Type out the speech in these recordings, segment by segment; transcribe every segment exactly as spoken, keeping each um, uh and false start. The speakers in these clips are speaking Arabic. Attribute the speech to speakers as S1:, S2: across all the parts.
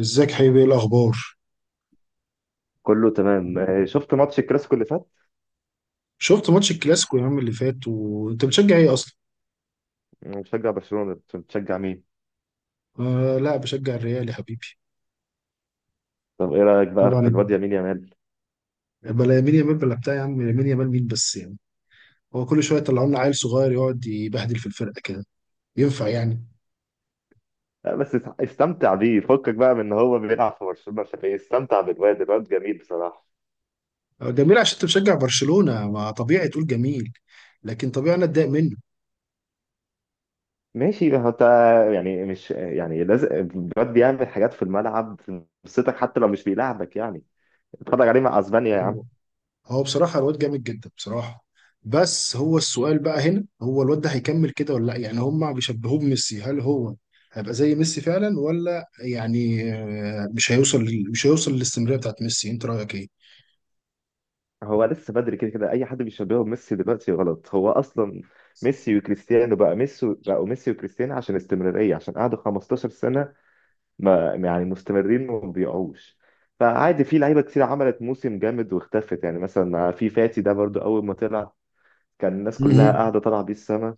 S1: ازيك حبيبي؟ ايه الاخبار؟
S2: كله تمام آه، شفت ماتش الكلاسيكو اللي فات.
S1: شفت ماتش الكلاسيكو يا عم اللي فات، وانت بتشجع ايه اصلا؟
S2: أنا بشجع برشلونة، كنت بتشجع مين؟
S1: آه، لا بشجع الريال يا حبيبي.
S2: طب ايه رأيك بقى في
S1: طبعا.
S2: الواد يمين يامال؟
S1: بلا يمين يامال، بلا بتاع يا عم، يمين يامال مين بس يعني؟ هو كل شويه يطلعوا لنا عيل صغير يقعد يبهدل في الفرقه كده. ينفع يعني؟
S2: لا بس است- استمتع بيه، فكك بقى من ان هو بيلعب في برشلونة عشان ايه، استمتع بالواد، الواد جميل بصراحة.
S1: آه، جميل، عشان انت بتشجع برشلونه ما طبيعي تقول جميل. لكن طبيعي انا اتضايق
S2: ماشي هو انت. يعني مش يعني لازم الواد بيعمل حاجات في الملعب تبسطك حتى لو مش بيلعبك يعني. اتفرج عليه مع اسبانيا يا عم.
S1: منه. هو بصراحة الواد جامد جدا بصراحة. بس هو السؤال بقى هنا، هو الواد ده هيكمل كده ولا لا؟ يعني هما بيشبهوه بميسي، هل هو هيبقى زي ميسي فعلا، ولا يعني آه، مش هيوصل لل- مش هيوصل للاستمرارية بتاعت ميسي؟ انت رأيك ايه؟
S2: هو لسه بدري، كده كده اي حد بيشبهه بميسي دلوقتي غلط. هو اصلا ميسي وكريستيانو بقى ميسي، بقوا ميسي وكريستيانو عشان استمرارية، عشان قعدوا 15 سنة ما يعني مستمرين وما بيقعوش. فعادي، في لعيبه كتير عملت موسم جامد واختفت. يعني مثلا في فاتي ده برضو، اول ما طلع كان الناس كلها
S1: مهم.
S2: قاعده طالعه بيه السما،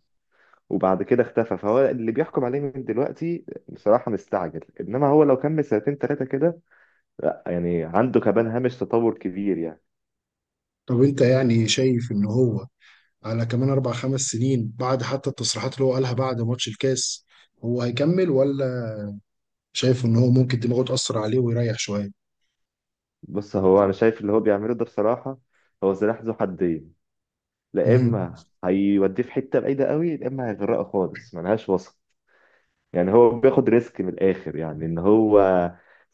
S2: وبعد كده اختفى. فهو اللي بيحكم عليه من دلوقتي بصراحه مستعجل، انما هو لو كمل سنتين ثلاثه كده، لا يعني عنده كمان هامش تطور كبير يعني.
S1: طب انت يعني شايف ان هو على كمان اربع خمس سنين بعد، حتى التصريحات اللي هو قالها بعد ماتش الكاس، هو هيكمل، ولا شايف ان هو ممكن دماغه تأثر عليه ويريح شوية؟
S2: بص، هو انا شايف اللي هو بيعمله ده بصراحه، هو سلاح ذو حدين. لا
S1: مهم.
S2: اما هيوديه في حته بعيده قوي، لا اما هيغرقه خالص، ملهاش وسط. يعني هو بياخد ريسك من الاخر، يعني ان هو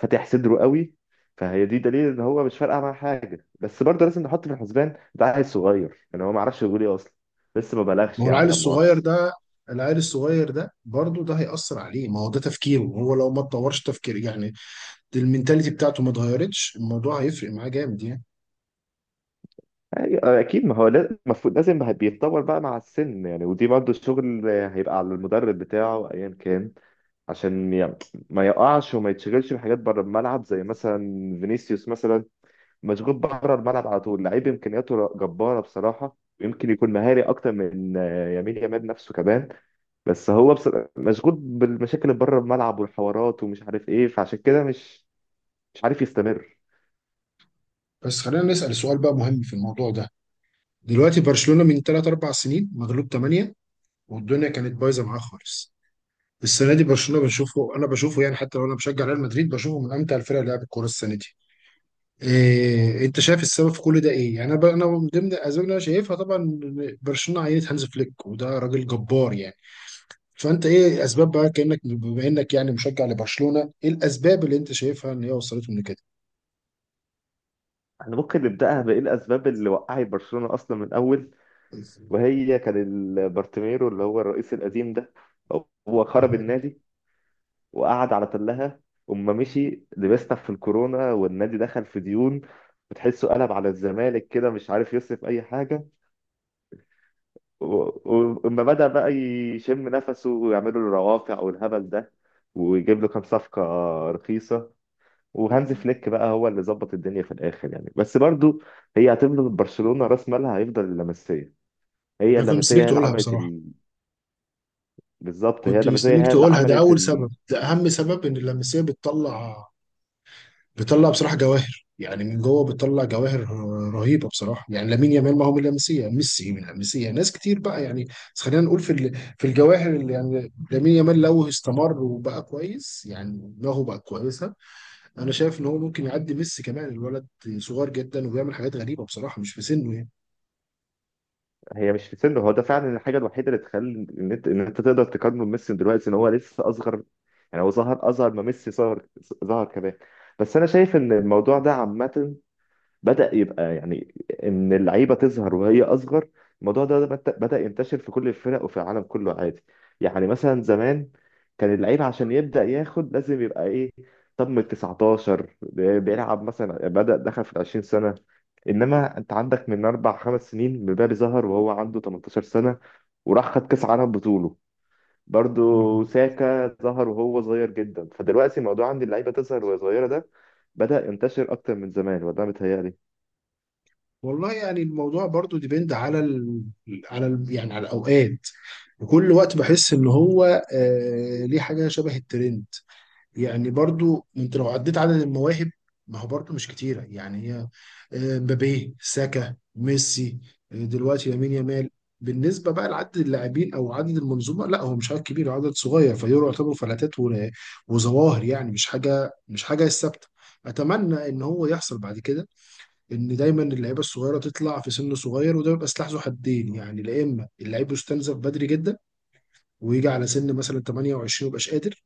S2: فاتح صدره قوي. فهي دي دليل ان هو مش فارقه معاه حاجه، بس برضه لازم نحط في الحسبان ده عيل صغير، يعني هو ما عرفش يقول ايه اصلا، لسه ما
S1: ما
S2: بلغش
S1: هو العيل
S2: يعني لا
S1: الصغير
S2: مؤاخذه.
S1: ده، العيل الصغير ده برضه ده هيأثر عليه. ما هو ده تفكيره، هو لو ما اتطورش تفكير يعني، المينتاليتي بتاعته ما اتغيرتش، الموضوع هيفرق معاه جامد يعني.
S2: أي- اكيد، ما هو لا- المفروض لازم بقى بيتطور بقى مع السن يعني. ودي برضه الشغل هيبقى على المدرب بتاعه ايا كان، عشان ي- ما يقعش وما يتشغلش بحاجات بره الملعب، زي مثلا فينيسيوس مثلا، مشغول بره الملعب على طول. لعيب امكانياته جباره بصراحه، ويمكن يكون مهاري اكتر من آه، يمين يامال نفسه كمان، بس هو بص... مشغول بالمشاكل اللي بره الملعب والحوارات ومش عارف ايه، فعشان كده مش مش عارف يستمر.
S1: بس خلينا نسأل سؤال بقى مهم في الموضوع ده. دلوقتي برشلونة من ثلاثة أربعة سنين مغلوب ثمانية، والدنيا كانت بايظه معاه خالص. السنه دي برشلونة بنشوفه، انا بشوفه يعني حتى لو انا بشجع ريال مدريد بشوفه من امتع الفرق اللي لعبت كوره السنه دي. إيه انت شايف السبب في كل ده ايه؟ يعني انا ب- انا من ضمن الاسباب اللي انا شايفها طبعا إن برشلونه عينت هانز فليك، وده راجل جبار يعني. فانت ايه اسباب بقى، كانك بما انك يعني مشجع لبرشلونه، ايه الاسباب اللي انت شايفها ان هي وصلتهم لكده؟
S2: احنا ممكن نبداها بايه، الاسباب اللي وقعت برشلونه اصلا من الاول، وهي كان ال- بارتيميرو اللي هو الرئيس القديم ده، هو خرب
S1: مهم.
S2: النادي وقعد على تلها، وما مشي لبسنا في الكورونا، والنادي دخل في ديون، بتحسه قلب على الزمالك كده مش عارف يصرف اي حاجه. ولما بدأ بقى يشم نفسه ويعملوا له روافع والهبل ده، ويجيب له كام صفقة رخيصة، وهانز فليك بقى هو اللي ظبط الدنيا في الآخر يعني. بس برضو هي هتفضل برشلونة، رأس مالها هيفضل اللمسية. هي
S1: انا كنت
S2: اللمسية
S1: مستنيك
S2: هي اللي
S1: تقولها
S2: عملت
S1: بصراحه.
S2: ال... بالظبط، هي
S1: كنت
S2: اللمسية
S1: مستنيك
S2: هي اللي
S1: تقولها، ده
S2: عملت
S1: اول
S2: ال...
S1: سبب، ده اهم سبب، ان اللمسيه بتطلع بتطلع بصراحه جواهر، يعني من جوه بتطلع جواهر رهيبه بصراحه. يعني لامين يامال، ما هو من اللمسيه ميسي، من اللمسيه ناس كتير بقى يعني. بس خلينا نقول في ال- في الجواهر اللي يعني لامين يامال لو استمر وبقى كويس يعني دماغه بقى كويسه، انا شايف ان هو ممكن يعدي ميسي كمان. الولد صغير جدا وبيعمل حاجات غريبه بصراحه مش في سنه يعني.
S2: هي مش في سنه، هو ده فعلا الحاجة الوحيدة اللي تخلي إن أنت إن أنت تقدر تقارنه بميسي دلوقتي، إن هو لسه أصغر، يعني هو ظهر أصغر ما ميسي ظهر ظهر كمان. بس أنا شايف إن الموضوع ده عامة بدأ يبقى يعني، إن اللعيبة تظهر وهي أصغر. الموضوع ده بت- بدأ ينتشر في كل الفرق وفي العالم كله عادي. يعني مثلا زمان كان اللعيب عشان يبدأ ياخد لازم يبقى إيه، طب من تسعتاشر ب- بيلعب مثلا، بدأ دخل في 20 سنة. إنما أنت عندك من أربع خمس سنين مبابي ظهر وهو عنده 18 سنة وراح خد كأس عالم بطوله.
S1: مم.
S2: برضو ساكا ظهر وهو صغير جدا. فدلوقتي موضوع عند اللعيبة تظهر وهي صغيرة ده بدأ ينتشر أكتر من زمان، وده متهيألي.
S1: والله يعني الموضوع برضو ديبند على ال... على ال... يعني على الاوقات. وكل وقت بحس ان هو آه... ليه حاجه شبه الترند. يعني برضو انت لو عديت عدد المواهب، ما هو برضو مش كتيرة يعني هي، آه، مبابي، ساكا، ميسي، آه، دلوقتي لامين يامال. بالنسبة بقى لعدد اللاعبين أو عدد المنظومة، لا هو مش عدد كبير، عدد صغير، فدول يعتبروا فلاتات و- وظواهر يعني، مش حاجة مش حاجة ثابتة. أتمنى إن هو يحصل بعد كده، إن دايما اللعيبة الصغيرة تطلع في سن صغير. وده بيبقى سلاح ذو حدين يعني، لا إما اللعيب يستنزف بدري جدا ويجي على سن مثلا ثمانية وعشرين ويبقاش قادر،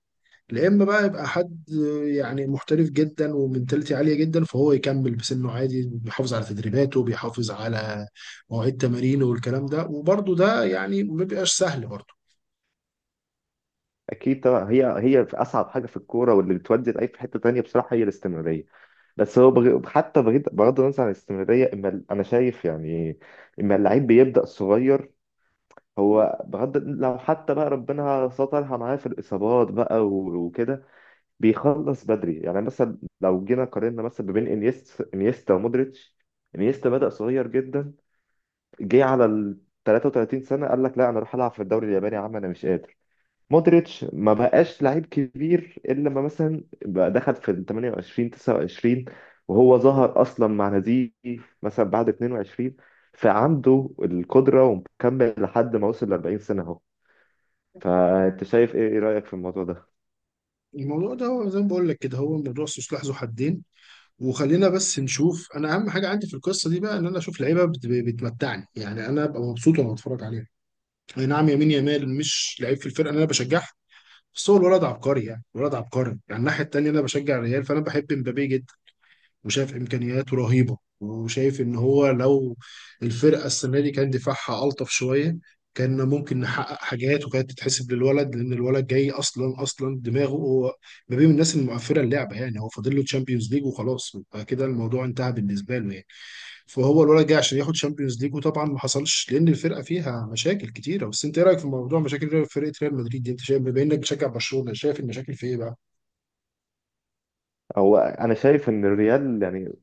S1: يا اما بقى يبقى حد يعني محترف جدا ومنتاليتي عاليه جدا، فهو يكمل بسنه عادي، بيحافظ على تدريباته، بيحافظ على مواعيد تمارينه والكلام ده، وبرده ده يعني ما بيبقاش سهل برده.
S2: اكيد طبعا، هي هي في اصعب حاجه في الكوره واللي بتودي اي في حته تانية بصراحه هي الاستمراريه. بس هو بغ... حتى بغض بغض النظر عن الاستمراريه، اما ال- انا شايف يعني، اما اللعيب بيبدا صغير، هو بغض لو حتى بقى ربنا سترها معاه في الاصابات بقى و- وكده بيخلص بدري. يعني مثلا لو جينا قارنا مثلا ما بين انيست انيستا ومودريتش، انيستا بدا صغير جدا، جه على ال ثلاثة وثلاثين سنة سنه قال لك لا انا اروح العب في الدوري الياباني يا عم، انا مش قادر. مودريتش ما بقاش لعيب كبير الا لما مثلا بقى دخل في ال تمنية وعشرين تسعة وعشرين، وهو ظهر اصلا مع ناديه مثلا بعد اتنين وعشرين، فعنده القدره ومكمل لحد ما وصل ل أربعين سنة سنه اهو. فانت شايف ايه، إيه رايك في الموضوع ده؟
S1: الموضوع ده هو زي ما بقول لك كده، هو موضوع سلاح ذو حدين. وخلينا بس نشوف، انا اهم حاجه عندي في القصه دي بقى ان انا اشوف لعيبه بت- بتمتعني يعني. انا ابقى مبسوط وانا بتفرج عليها. اي نعم، يمين يامال مش لعيب في الفرقه اللي انا بشجعها، بس هو الولد عبقري يعني، الولد عبقري يعني. الناحيه التانيه، انا بشجع الريال فانا بحب مبابي جدا، وشاف امكانياته رهيبه، وشايف ان هو لو الفرقه السنه دي كان دفاعها الطف شويه كان ممكن نحقق حاجات، وكانت تتحسب للولد، لان الولد جاي اصلا اصلا دماغه هو ما بين الناس المقفله اللعبه يعني. هو فاضل له تشامبيونز ليج وخلاص، يبقى كده الموضوع انتهى بالنسبه له يعني. فهو الولد جاي عشان ياخد تشامبيونز ليج، وطبعا ما حصلش لان الفرقه فيها مشاكل كتيره. بس انت ايه رايك في موضوع مشاكل فرقه ريال مدريد دي؟ انت شايف، بما انك بتشجع برشلونه، شايف المشاكل في ايه بقى؟
S2: هو انا شايف ان الريال يعني،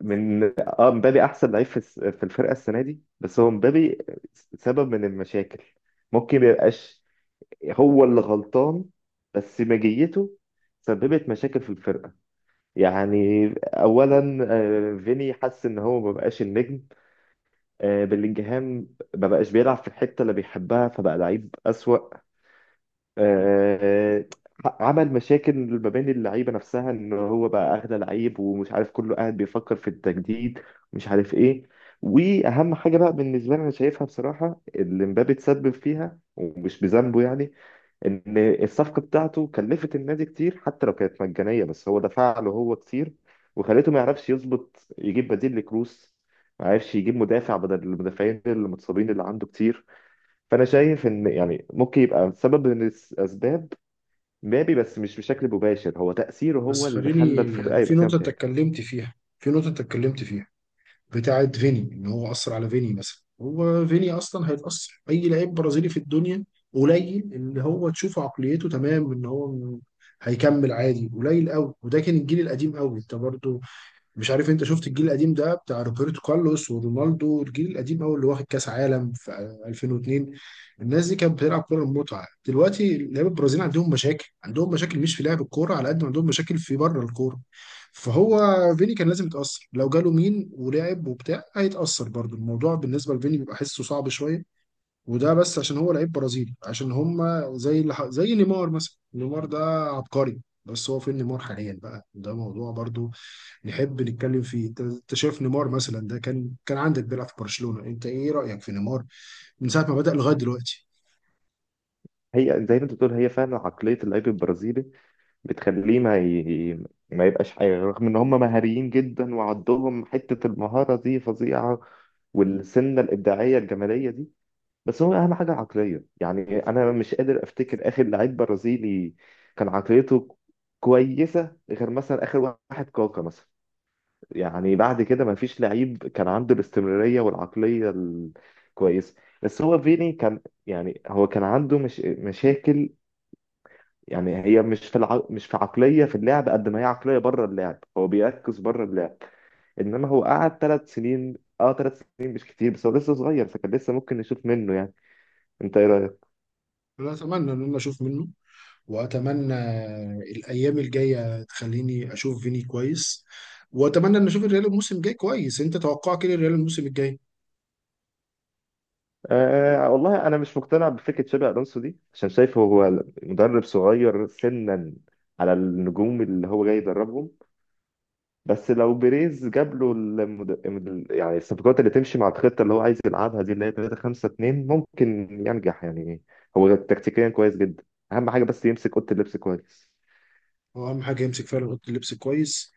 S2: من اه مبابي احسن لعيب في الس- في الفرقه السنه دي. بس هو مبابي سبب من المشاكل، ممكن ما يبقاش هو اللي غلطان بس مجيته سببت مشاكل في الفرقه. يعني اولا، آه، فيني حس ان هو ما بقاش النجم. آه، بلينجهام ما بقاش بيلعب في الحته اللي بيحبها فبقى لعيب اسوأ. آه، آه، عمل مشاكل ما بين اللعيبه نفسها ان هو بقى اغلى لعيب، ومش عارف كله قاعد بيفكر في التجديد، مش عارف ايه. واهم حاجه بقى بالنسبه لي انا شايفها بصراحه اللي مبابي اتسبب فيها ومش بذنبه يعني، ان الصفقه بتاعته كلفت النادي كتير، حتى لو كانت مجانيه بس هو دفع له هو كتير، وخليته ما يعرفش يظبط يجيب بديل لكروس، ما عرفش يجيب مدافع بدل المدافعين المتصابين اللي عنده كتير. فانا شايف ان يعني ممكن يبقى سبب من الاسباب مبابي، بس مش بشكل مباشر، هو تاثيره
S1: بس
S2: هو اللي خلى
S1: خليني
S2: الفرقه
S1: يعني في
S2: يبقى فيها
S1: نقطة انت
S2: مشاكل.
S1: اتكلمت فيها، في نقطة انت اتكلمت فيها بتاعت فيني، ان هو أثر على فيني مثلا. هو فيني أصلا هيتأثر، أي لعيب برازيلي في الدنيا قليل اللي هو تشوف عقليته تمام ان هو م- هيكمل عادي، قليل قوي. وده كان الجيل القديم قوي، انت برضو مش عارف انت شفت الجيل القديم ده بتاع روبرتو كارلوس ورونالدو، الجيل القديم قوي اللي واخد كاس عالم في الفين واتنين. الناس دي كانت بتلعب كوره المتعه. دلوقتي لعيبه البرازيل عندهم مشاكل، عندهم مشاكل مش في لعب الكوره على قد ما عندهم مشاكل في بره الكوره. فهو فيني كان لازم يتاثر، لو جاله مين ولعب وبتاع هيتاثر برضه. الموضوع بالنسبه لفيني بيبقى حسه صعب شويه، وده بس عشان هو لعيب برازيلي عشان هم زي اللي ح- زي نيمار مثلا. نيمار ده عبقري، بس هو فين نيمار حاليا بقى؟ ده موضوع برضه نحب نتكلم فيه. انت أنت شايف نيمار مثلا ده كان كان عندك بيلعب في برشلونة، انت ايه رأيك في نيمار من ساعة ما بدأ لغاية دلوقتي؟
S2: هي زي ما انت بتقول، هي فعلا عقليه اللعيب البرازيلي بتخليه ما ي... ما يبقاش حاجة، رغم إن هم مهاريين جدا وعندهم حتة المهارة دي فظيعة والسنة الإبداعية الجمالية دي، بس هو أهم حاجة العقلية. يعني أنا مش قادر أفتكر آخر لعيب برازيلي كان عقليته كويسة غير مثلا آخر واحد كاكا مثلا، يعني بعد كده ما فيش لعيب كان عنده الاستمرارية والعقلية الكويسة. بس هو فيني كان يعني، هو كان عنده مش مشاكل يعني، هي مش في الع... مش في عقلية في اللعب قد ما هي عقلية بره اللعب، هو بيركز بره اللعب. انما هو قعد ثلاث سنين، اه ثلاث سنين مش كتير، بس هو لسه صغير، فكان لسه ممكن نشوف منه يعني. انت ايه رأيك؟
S1: انا اتمنى ان انا اشوف منه، واتمنى الايام الجاية تخليني اشوف فيني كويس، واتمنى ان اشوف الريال الموسم الجاي كويس. انت توقعك ايه للريال الموسم الجاي؟
S2: آه والله انا مش مقتنع بفكرة شابي الونسو دي، عشان شايفه هو مدرب صغير سنا على النجوم اللي هو جاي يدربهم. بس لو بيريز جاب له المد... المد- يعني الصفقات اللي تمشي مع الخطه اللي هو عايز يلعبها دي اللي هي تلاتة خمسة اتنين ممكن ينجح يعني. هو تكتيكيا كويس جدا، اهم حاجه بس يمسك اوضه اللبس كويس.
S1: هو اهم حاجة يمسك فعلا اوضة اللبس كويس،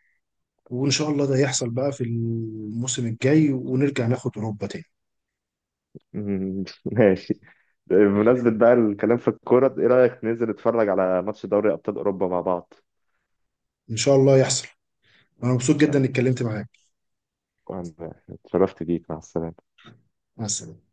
S1: وان شاء الله ده يحصل بقى في الموسم الجاي ونرجع ناخد اوروبا تاني.
S2: مم، ماشي. بمناسبة بقى الكلام في الكورة، ايه رأيك ننزل نتفرج على ماتش دوري أبطال أوروبا مع بعض؟
S1: ان شاء الله يحصل. انا مبسوط جدا
S2: تمام،
S1: اني اتكلمت معاك.
S2: اتشرفت بيك، مع السلامة.
S1: مع السلامة.